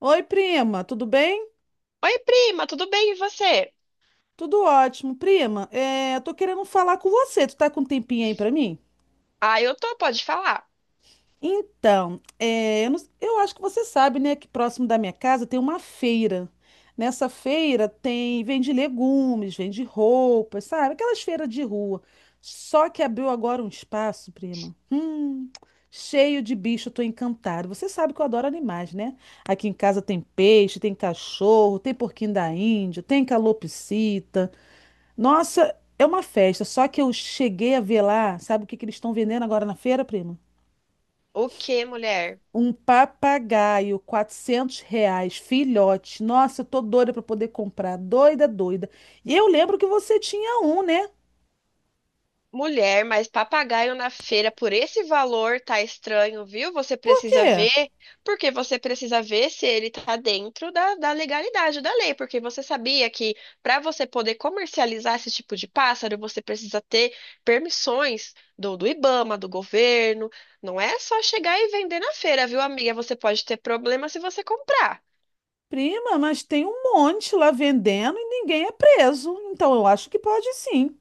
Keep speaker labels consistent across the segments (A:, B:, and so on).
A: Oi, prima, tudo bem?
B: Oi, prima, tudo bem e você?
A: Tudo ótimo. Prima, eu tô querendo falar com você. Tu tá com um tempinho aí pra mim?
B: Ah, eu tô, pode falar.
A: Então, é, eu, não- eu acho que você sabe, né, que próximo da minha casa tem uma feira. Nessa feira tem, vende legumes, vende roupas, sabe? Aquelas feiras de rua. Só que abriu agora um espaço, prima. Cheio de bicho, eu tô encantada. Você sabe que eu adoro animais, né? Aqui em casa tem peixe, tem cachorro, tem porquinho da Índia, tem calopsita. Nossa, é uma festa, só que eu cheguei a ver lá, sabe o que que eles estão vendendo agora na feira, prima?
B: O que, mulher?
A: Um papagaio, R$ 400, filhote. Nossa, eu tô doida pra poder comprar, doida, doida. E eu lembro que você tinha um, né?
B: Mulher, mas papagaio na feira por esse valor tá estranho, viu? Você
A: Por
B: precisa
A: quê?
B: ver, porque você precisa ver se ele tá dentro da legalidade da lei, porque você sabia que para você poder comercializar esse tipo de pássaro, você precisa ter permissões do IBAMA, do governo. Não é só chegar e vender na feira, viu, amiga? Você pode ter problema se você comprar.
A: Prima, mas tem um monte lá vendendo e ninguém é preso. Então eu acho que pode sim.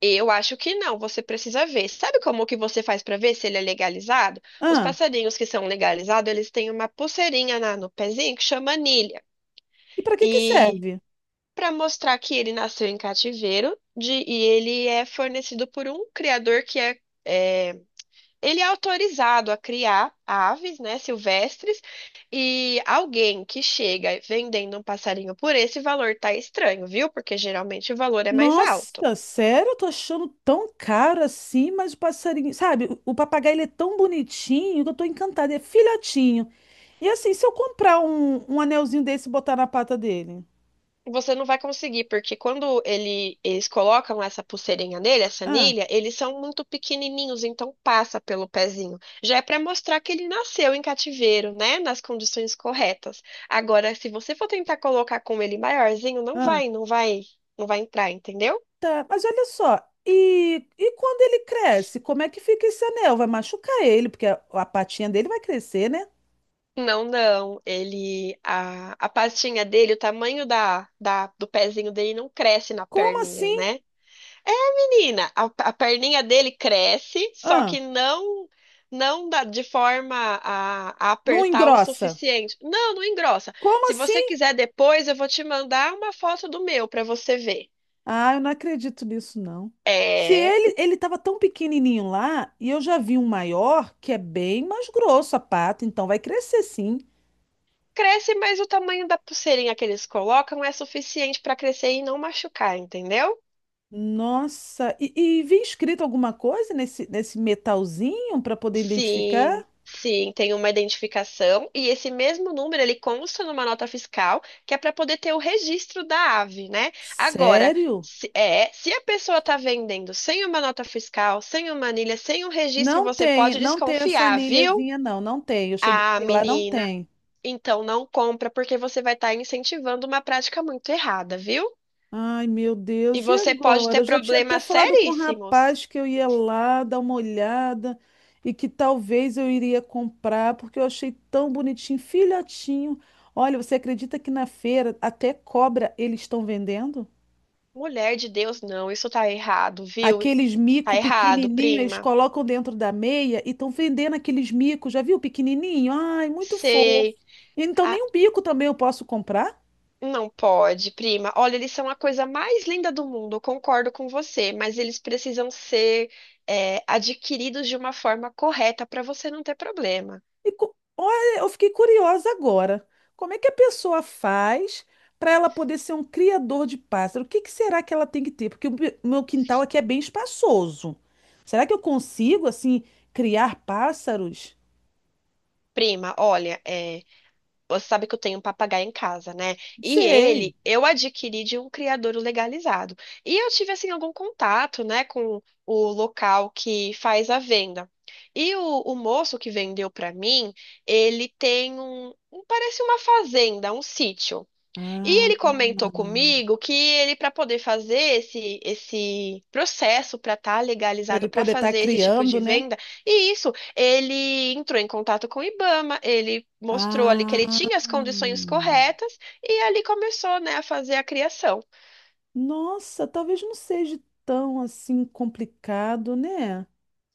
B: Eu acho que não, você precisa ver. Sabe como que você faz para ver se ele é legalizado? Os
A: Ah,
B: passarinhos que são legalizados, eles têm uma pulseirinha no pezinho que chama anilha.
A: e pra que que
B: E
A: serve?
B: para mostrar que ele nasceu em cativeiro e ele é fornecido por um criador que é ele é autorizado a criar aves, né, silvestres, e alguém que chega vendendo um passarinho por esse valor tá estranho, viu? Porque geralmente o valor é mais alto.
A: Nossa, sério? Eu tô achando tão caro assim, mas o passarinho, sabe? O papagaio ele é tão bonitinho que eu tô encantada, é filhotinho. E assim, se eu comprar um anelzinho desse e botar na pata dele?
B: Você não vai conseguir, porque eles colocam essa pulseirinha nele, essa
A: Ah,
B: anilha, eles são muito pequenininhos, então passa pelo pezinho. Já é para mostrar que ele nasceu em cativeiro, né? Nas condições corretas. Agora, se você for tentar colocar com ele maiorzinho,
A: ah,
B: não vai entrar, entendeu?
A: tá. Mas olha só, e quando ele cresce, como é que fica esse anel? Vai machucar ele, porque a patinha dele vai crescer, né?
B: Não, não. A pastinha dele, o tamanho do pezinho dele não cresce na
A: Como
B: perninha,
A: assim?
B: né? É, Menina, a perninha dele cresce, só que
A: Ah,
B: não dá de forma a
A: não
B: apertar o
A: engrossa.
B: suficiente. Não, não engrossa.
A: Como
B: Se
A: assim?
B: você quiser depois, eu vou te mandar uma foto do meu para você ver.
A: Ah, eu não acredito nisso, não. Se
B: É,
A: ele tava tão pequenininho lá, e eu já vi um maior, que é bem mais grosso a pata, então vai crescer sim.
B: cresce, mas o tamanho da pulseirinha que eles colocam é suficiente para crescer e não machucar, entendeu?
A: Nossa, e vi escrito alguma coisa nesse metalzinho para poder identificar?
B: Sim, sim, tem uma identificação e esse mesmo número ele consta numa nota fiscal que é para poder ter o registro da ave, né? Agora,
A: Sério?
B: se a pessoa está vendendo sem uma nota fiscal, sem uma anilha, sem um registro, você pode
A: Não tem essa
B: desconfiar, viu?
A: anilhazinha, não tem. Eu cheguei a
B: Ah,
A: ver lá, não
B: menina,
A: tem.
B: então não compra porque você vai estar incentivando uma prática muito errada, viu?
A: Ai, meu
B: E
A: Deus, e
B: você pode
A: agora?
B: ter
A: Eu já tinha até
B: problemas
A: falado com o
B: seríssimos.
A: rapaz que eu ia lá dar uma olhada e que talvez eu iria comprar, porque eu achei tão bonitinho, filhotinho. Olha, você acredita que na feira até cobra eles estão vendendo?
B: Mulher de Deus, não, isso tá errado, viu?
A: Aqueles
B: Tá
A: mico
B: errado,
A: pequenininho, eles
B: prima.
A: colocam dentro da meia e estão vendendo aqueles micos, já viu? Pequenininho? Ai, muito fofo.
B: Sei.
A: Então
B: Ah,
A: nem um bico também eu posso comprar?
B: não pode, prima. Olha, eles são a coisa mais linda do mundo, eu concordo com você, mas eles precisam ser adquiridos de uma forma correta para você não ter problema.
A: Olha, eu fiquei curiosa agora. Como é que a pessoa faz para ela poder ser um criador de pássaro? O que que será que ela tem que ter? Porque o meu quintal aqui é bem espaçoso. Será que eu consigo, assim, criar pássaros?
B: Prima, olha, você sabe que eu tenho um papagaio em casa, né?
A: Não
B: E
A: sei.
B: ele, eu adquiri de um criador legalizado. E eu tive, assim, algum contato, né, com o local que faz a venda. E o moço que vendeu para mim, ele tem parece uma fazenda, um sítio. E
A: Ah,
B: ele comentou comigo que ele, para poder fazer esse processo para estar
A: para ele
B: legalizado para
A: poder estar
B: fazer esse tipo
A: criando,
B: de
A: né?
B: venda, e isso, ele entrou em contato com o IBAMA, ele mostrou ali que ele tinha as
A: Ah,
B: condições corretas e ali começou, né, a fazer a criação.
A: nossa, talvez não seja tão assim complicado, né?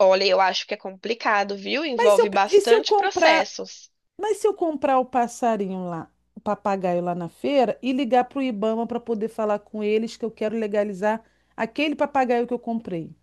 B: Olha, eu acho que é complicado, viu?
A: Mas se eu,
B: Envolve
A: e se eu
B: bastante
A: comprar?
B: processos.
A: Mas se eu comprar o passarinho lá, o papagaio lá na feira e ligar para o Ibama para poder falar com eles que eu quero legalizar aquele papagaio que eu comprei.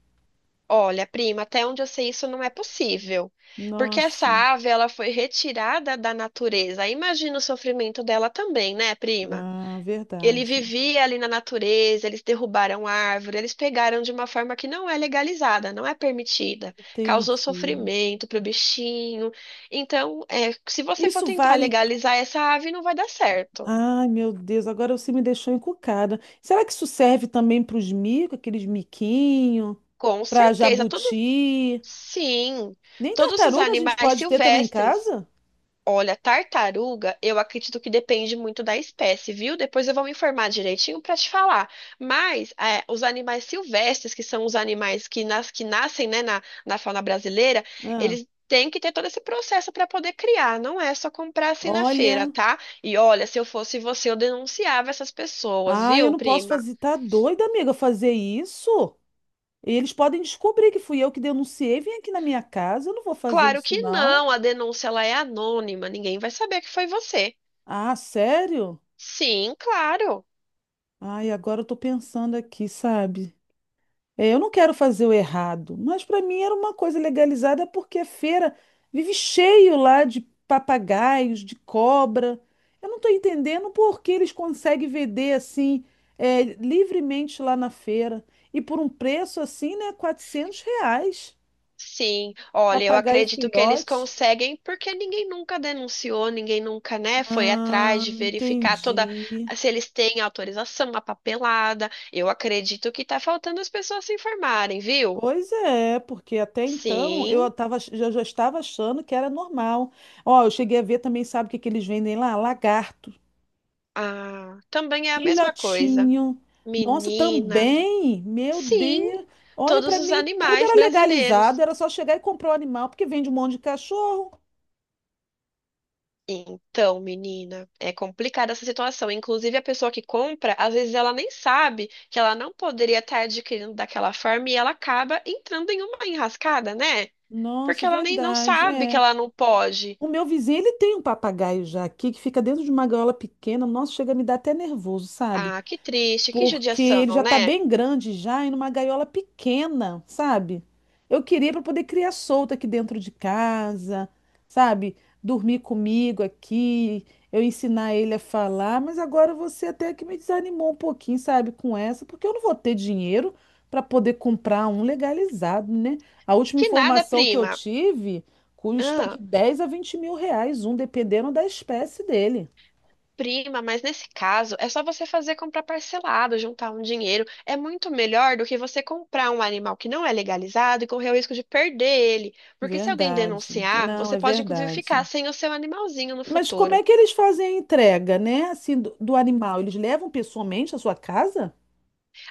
B: Olha, prima, até onde eu sei isso não é possível, porque essa
A: Nossa,
B: ave ela foi retirada da natureza. Imagina o sofrimento dela também, né, prima?
A: ah,
B: Ele
A: verdade.
B: vivia ali na natureza, eles derrubaram árvore, eles pegaram de uma forma que não é legalizada, não é permitida. Causou
A: Entendi.
B: sofrimento para o bichinho. Então, se você for
A: Isso
B: tentar
A: vale.
B: legalizar essa ave, não vai dar certo.
A: Ai, meu Deus, agora você me deixou encucada. Será que isso serve também para os micos, aqueles miquinhos,
B: Com
A: para
B: certeza. Todo,
A: jabuti?
B: sim,
A: Nem
B: todos os
A: tartaruga a gente
B: animais
A: pode ter também em
B: silvestres.
A: casa?
B: Olha, tartaruga, eu acredito que depende muito da espécie, viu? Depois eu vou me informar direitinho para te falar. Mas é, os animais silvestres, que são os animais que nascem, né, na fauna brasileira,
A: Ah,
B: eles têm que ter todo esse processo para poder criar. Não é só comprar assim na feira,
A: olha.
B: tá? E olha, se eu fosse você, eu denunciava essas pessoas,
A: Ah, eu
B: viu,
A: não posso
B: prima?
A: fazer. Tá doida, amiga, fazer isso? Eles podem descobrir que fui eu que denunciei. Vem aqui na minha casa, eu não vou fazer
B: Claro
A: isso,
B: que
A: não.
B: não, a denúncia ela é anônima, ninguém vai saber que foi você.
A: Ah, sério?
B: Sim, claro.
A: Ai, agora eu tô pensando aqui, sabe? É, eu não quero fazer o errado, mas pra mim era uma coisa legalizada porque a feira vive cheio lá de papagaios, de cobra. Eu não tô entendendo por que eles conseguem vender assim, é, livremente lá na feira e por um preço assim, né, R$ 400.
B: Sim, olha, eu
A: Papagaio
B: acredito que eles
A: filhote.
B: conseguem, porque ninguém nunca denunciou, ninguém nunca, né, foi atrás
A: Ah,
B: de verificar toda
A: entendi.
B: se eles têm autorização, a papelada. Eu acredito que tá faltando as pessoas se informarem, viu?
A: Pois é, porque até então
B: Sim,
A: eu eu já estava achando que era normal. Ó, eu cheguei a ver também, sabe o que que eles vendem lá? Lagarto.
B: ah, também é a mesma coisa.
A: Filhotinho. Nossa,
B: Menina,
A: também. Meu
B: sim,
A: Deus. Olha,
B: todos
A: para
B: os
A: mim tudo
B: animais
A: era legalizado,
B: brasileiros.
A: era só chegar e comprar o animal, porque vende um monte de cachorro.
B: Então, menina, é complicada essa situação. Inclusive, a pessoa que compra, às vezes ela nem sabe que ela não poderia estar adquirindo daquela forma e ela acaba entrando em uma enrascada, né? Porque
A: Nossa,
B: ela nem não
A: verdade,
B: sabe que
A: é.
B: ela não pode.
A: O meu vizinho, ele tem um papagaio já aqui, que fica dentro de uma gaiola pequena. Nossa, chega a me dar até nervoso, sabe?
B: Ah, que triste, que
A: Porque
B: judiação,
A: ele já tá
B: né?
A: bem grande já e numa gaiola pequena, sabe? Eu queria para poder criar solto aqui dentro de casa, sabe? Dormir comigo aqui, eu ensinar ele a falar, mas agora você até que me desanimou um pouquinho, sabe, com essa, porque eu não vou ter dinheiro para poder comprar um legalizado, né? A última
B: Que nada,
A: informação que eu
B: prima.
A: tive custa de
B: Ah,
A: 10 a 20 mil reais um, dependendo da espécie dele.
B: prima, mas nesse caso é só você fazer comprar parcelado, juntar um dinheiro. É muito melhor do que você comprar um animal que não é legalizado e correr o risco de perder ele. Porque se alguém
A: Verdade.
B: denunciar,
A: Não,
B: você
A: é
B: pode inclusive ficar
A: verdade.
B: sem o seu animalzinho no
A: Mas como
B: futuro.
A: é que eles fazem a entrega, né? Assim, do animal? Eles levam pessoalmente à sua casa?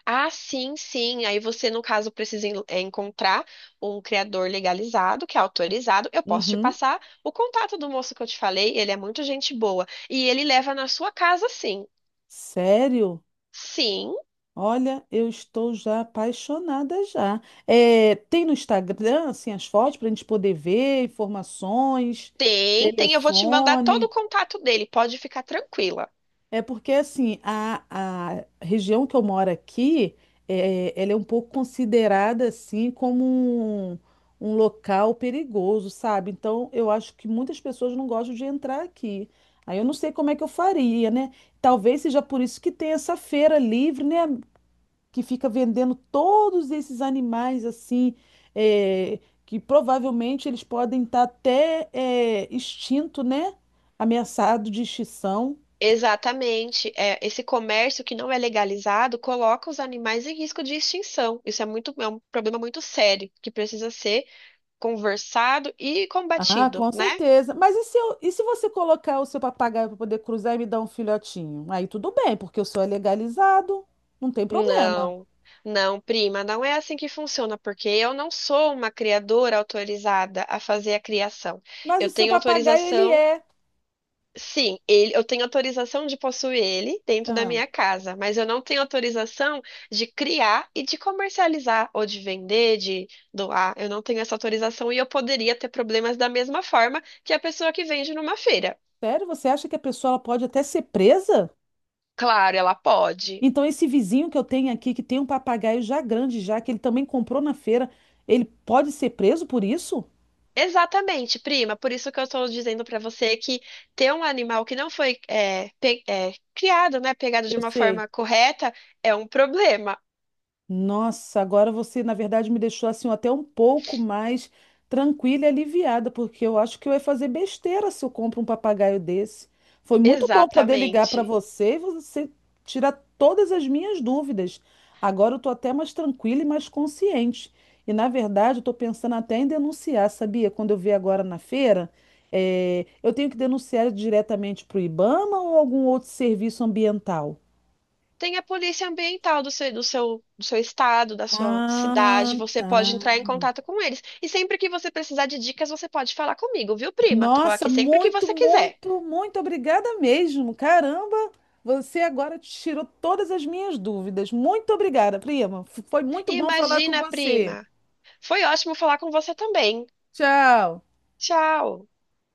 B: Ah, sim, sim. Aí você, no caso, precisa encontrar um criador legalizado, que é autorizado. Eu posso te
A: Uhum.
B: passar o contato do moço que eu te falei. Ele é muito gente boa. E ele leva na sua casa, sim.
A: Sério?
B: Sim.
A: Olha, eu estou já apaixonada já. É, tem no Instagram, assim, as fotos para a gente poder ver, informações,
B: Tem, tem, eu vou te mandar todo o
A: telefone.
B: contato dele, pode ficar tranquila.
A: É porque assim, a região que eu moro aqui, é, ela é um pouco considerada assim como um, um local perigoso, sabe? Então eu acho que muitas pessoas não gostam de entrar aqui. Aí eu não sei como é que eu faria, né? Talvez seja por isso que tem essa feira livre, né? Que fica vendendo todos esses animais assim, é, que provavelmente eles podem estar até é, extinto, né? Ameaçado de extinção.
B: Exatamente, esse comércio que não é legalizado coloca os animais em risco de extinção. Isso é muito, é um problema muito sério que precisa ser conversado e
A: Ah,
B: combatido,
A: com
B: né?
A: certeza. E se você colocar o seu papagaio para poder cruzar e me dar um filhotinho? Aí tudo bem, porque o seu é legalizado, não tem problema.
B: Não, não, prima, não é assim que funciona, porque eu não sou uma criadora autorizada a fazer a criação.
A: Mas o
B: Eu
A: seu
B: tenho
A: papagaio, ele
B: autorização.
A: é.
B: Sim, ele, eu tenho autorização de possuir ele dentro da
A: Ah,
B: minha casa, mas eu não tenho autorização de criar e de comercializar, ou de vender, de doar. Eu não tenho essa autorização e eu poderia ter problemas da mesma forma que a pessoa que vende numa feira.
A: sério? Você acha que a pessoa ela pode até ser presa?
B: Claro, ela pode.
A: Então, esse vizinho que eu tenho aqui, que tem um papagaio já grande, já, que ele também comprou na feira, ele pode ser preso por isso?
B: Exatamente, prima. Por isso que eu estou dizendo para você que ter um animal que não foi criado, né, pegado de
A: Eu
B: uma
A: sei.
B: forma correta, é um problema.
A: Nossa, agora você, na verdade, me deixou assim até um pouco mais tranquila e aliviada, porque eu acho que eu ia fazer besteira se eu compro um papagaio desse. Foi muito bom poder ligar para
B: Exatamente.
A: você e você tirar todas as minhas dúvidas. Agora eu tô até mais tranquila e mais consciente. E, na verdade, eu tô pensando até em denunciar, sabia? Quando eu vi agora na feira, eu tenho que denunciar diretamente para o IBAMA ou algum outro serviço ambiental?
B: Tem a polícia ambiental do seu estado, da sua
A: Ah,
B: cidade. Você
A: tá.
B: pode entrar em contato com eles. E sempre que você precisar de dicas, você pode falar comigo, viu, prima? Tô
A: Nossa,
B: aqui sempre que
A: muito,
B: você quiser.
A: muito, muito obrigada mesmo. Caramba, você agora tirou todas as minhas dúvidas. Muito obrigada, prima. Foi muito bom falar com
B: Imagina,
A: você.
B: prima. Foi ótimo falar com você também.
A: Tchau.
B: Tchau.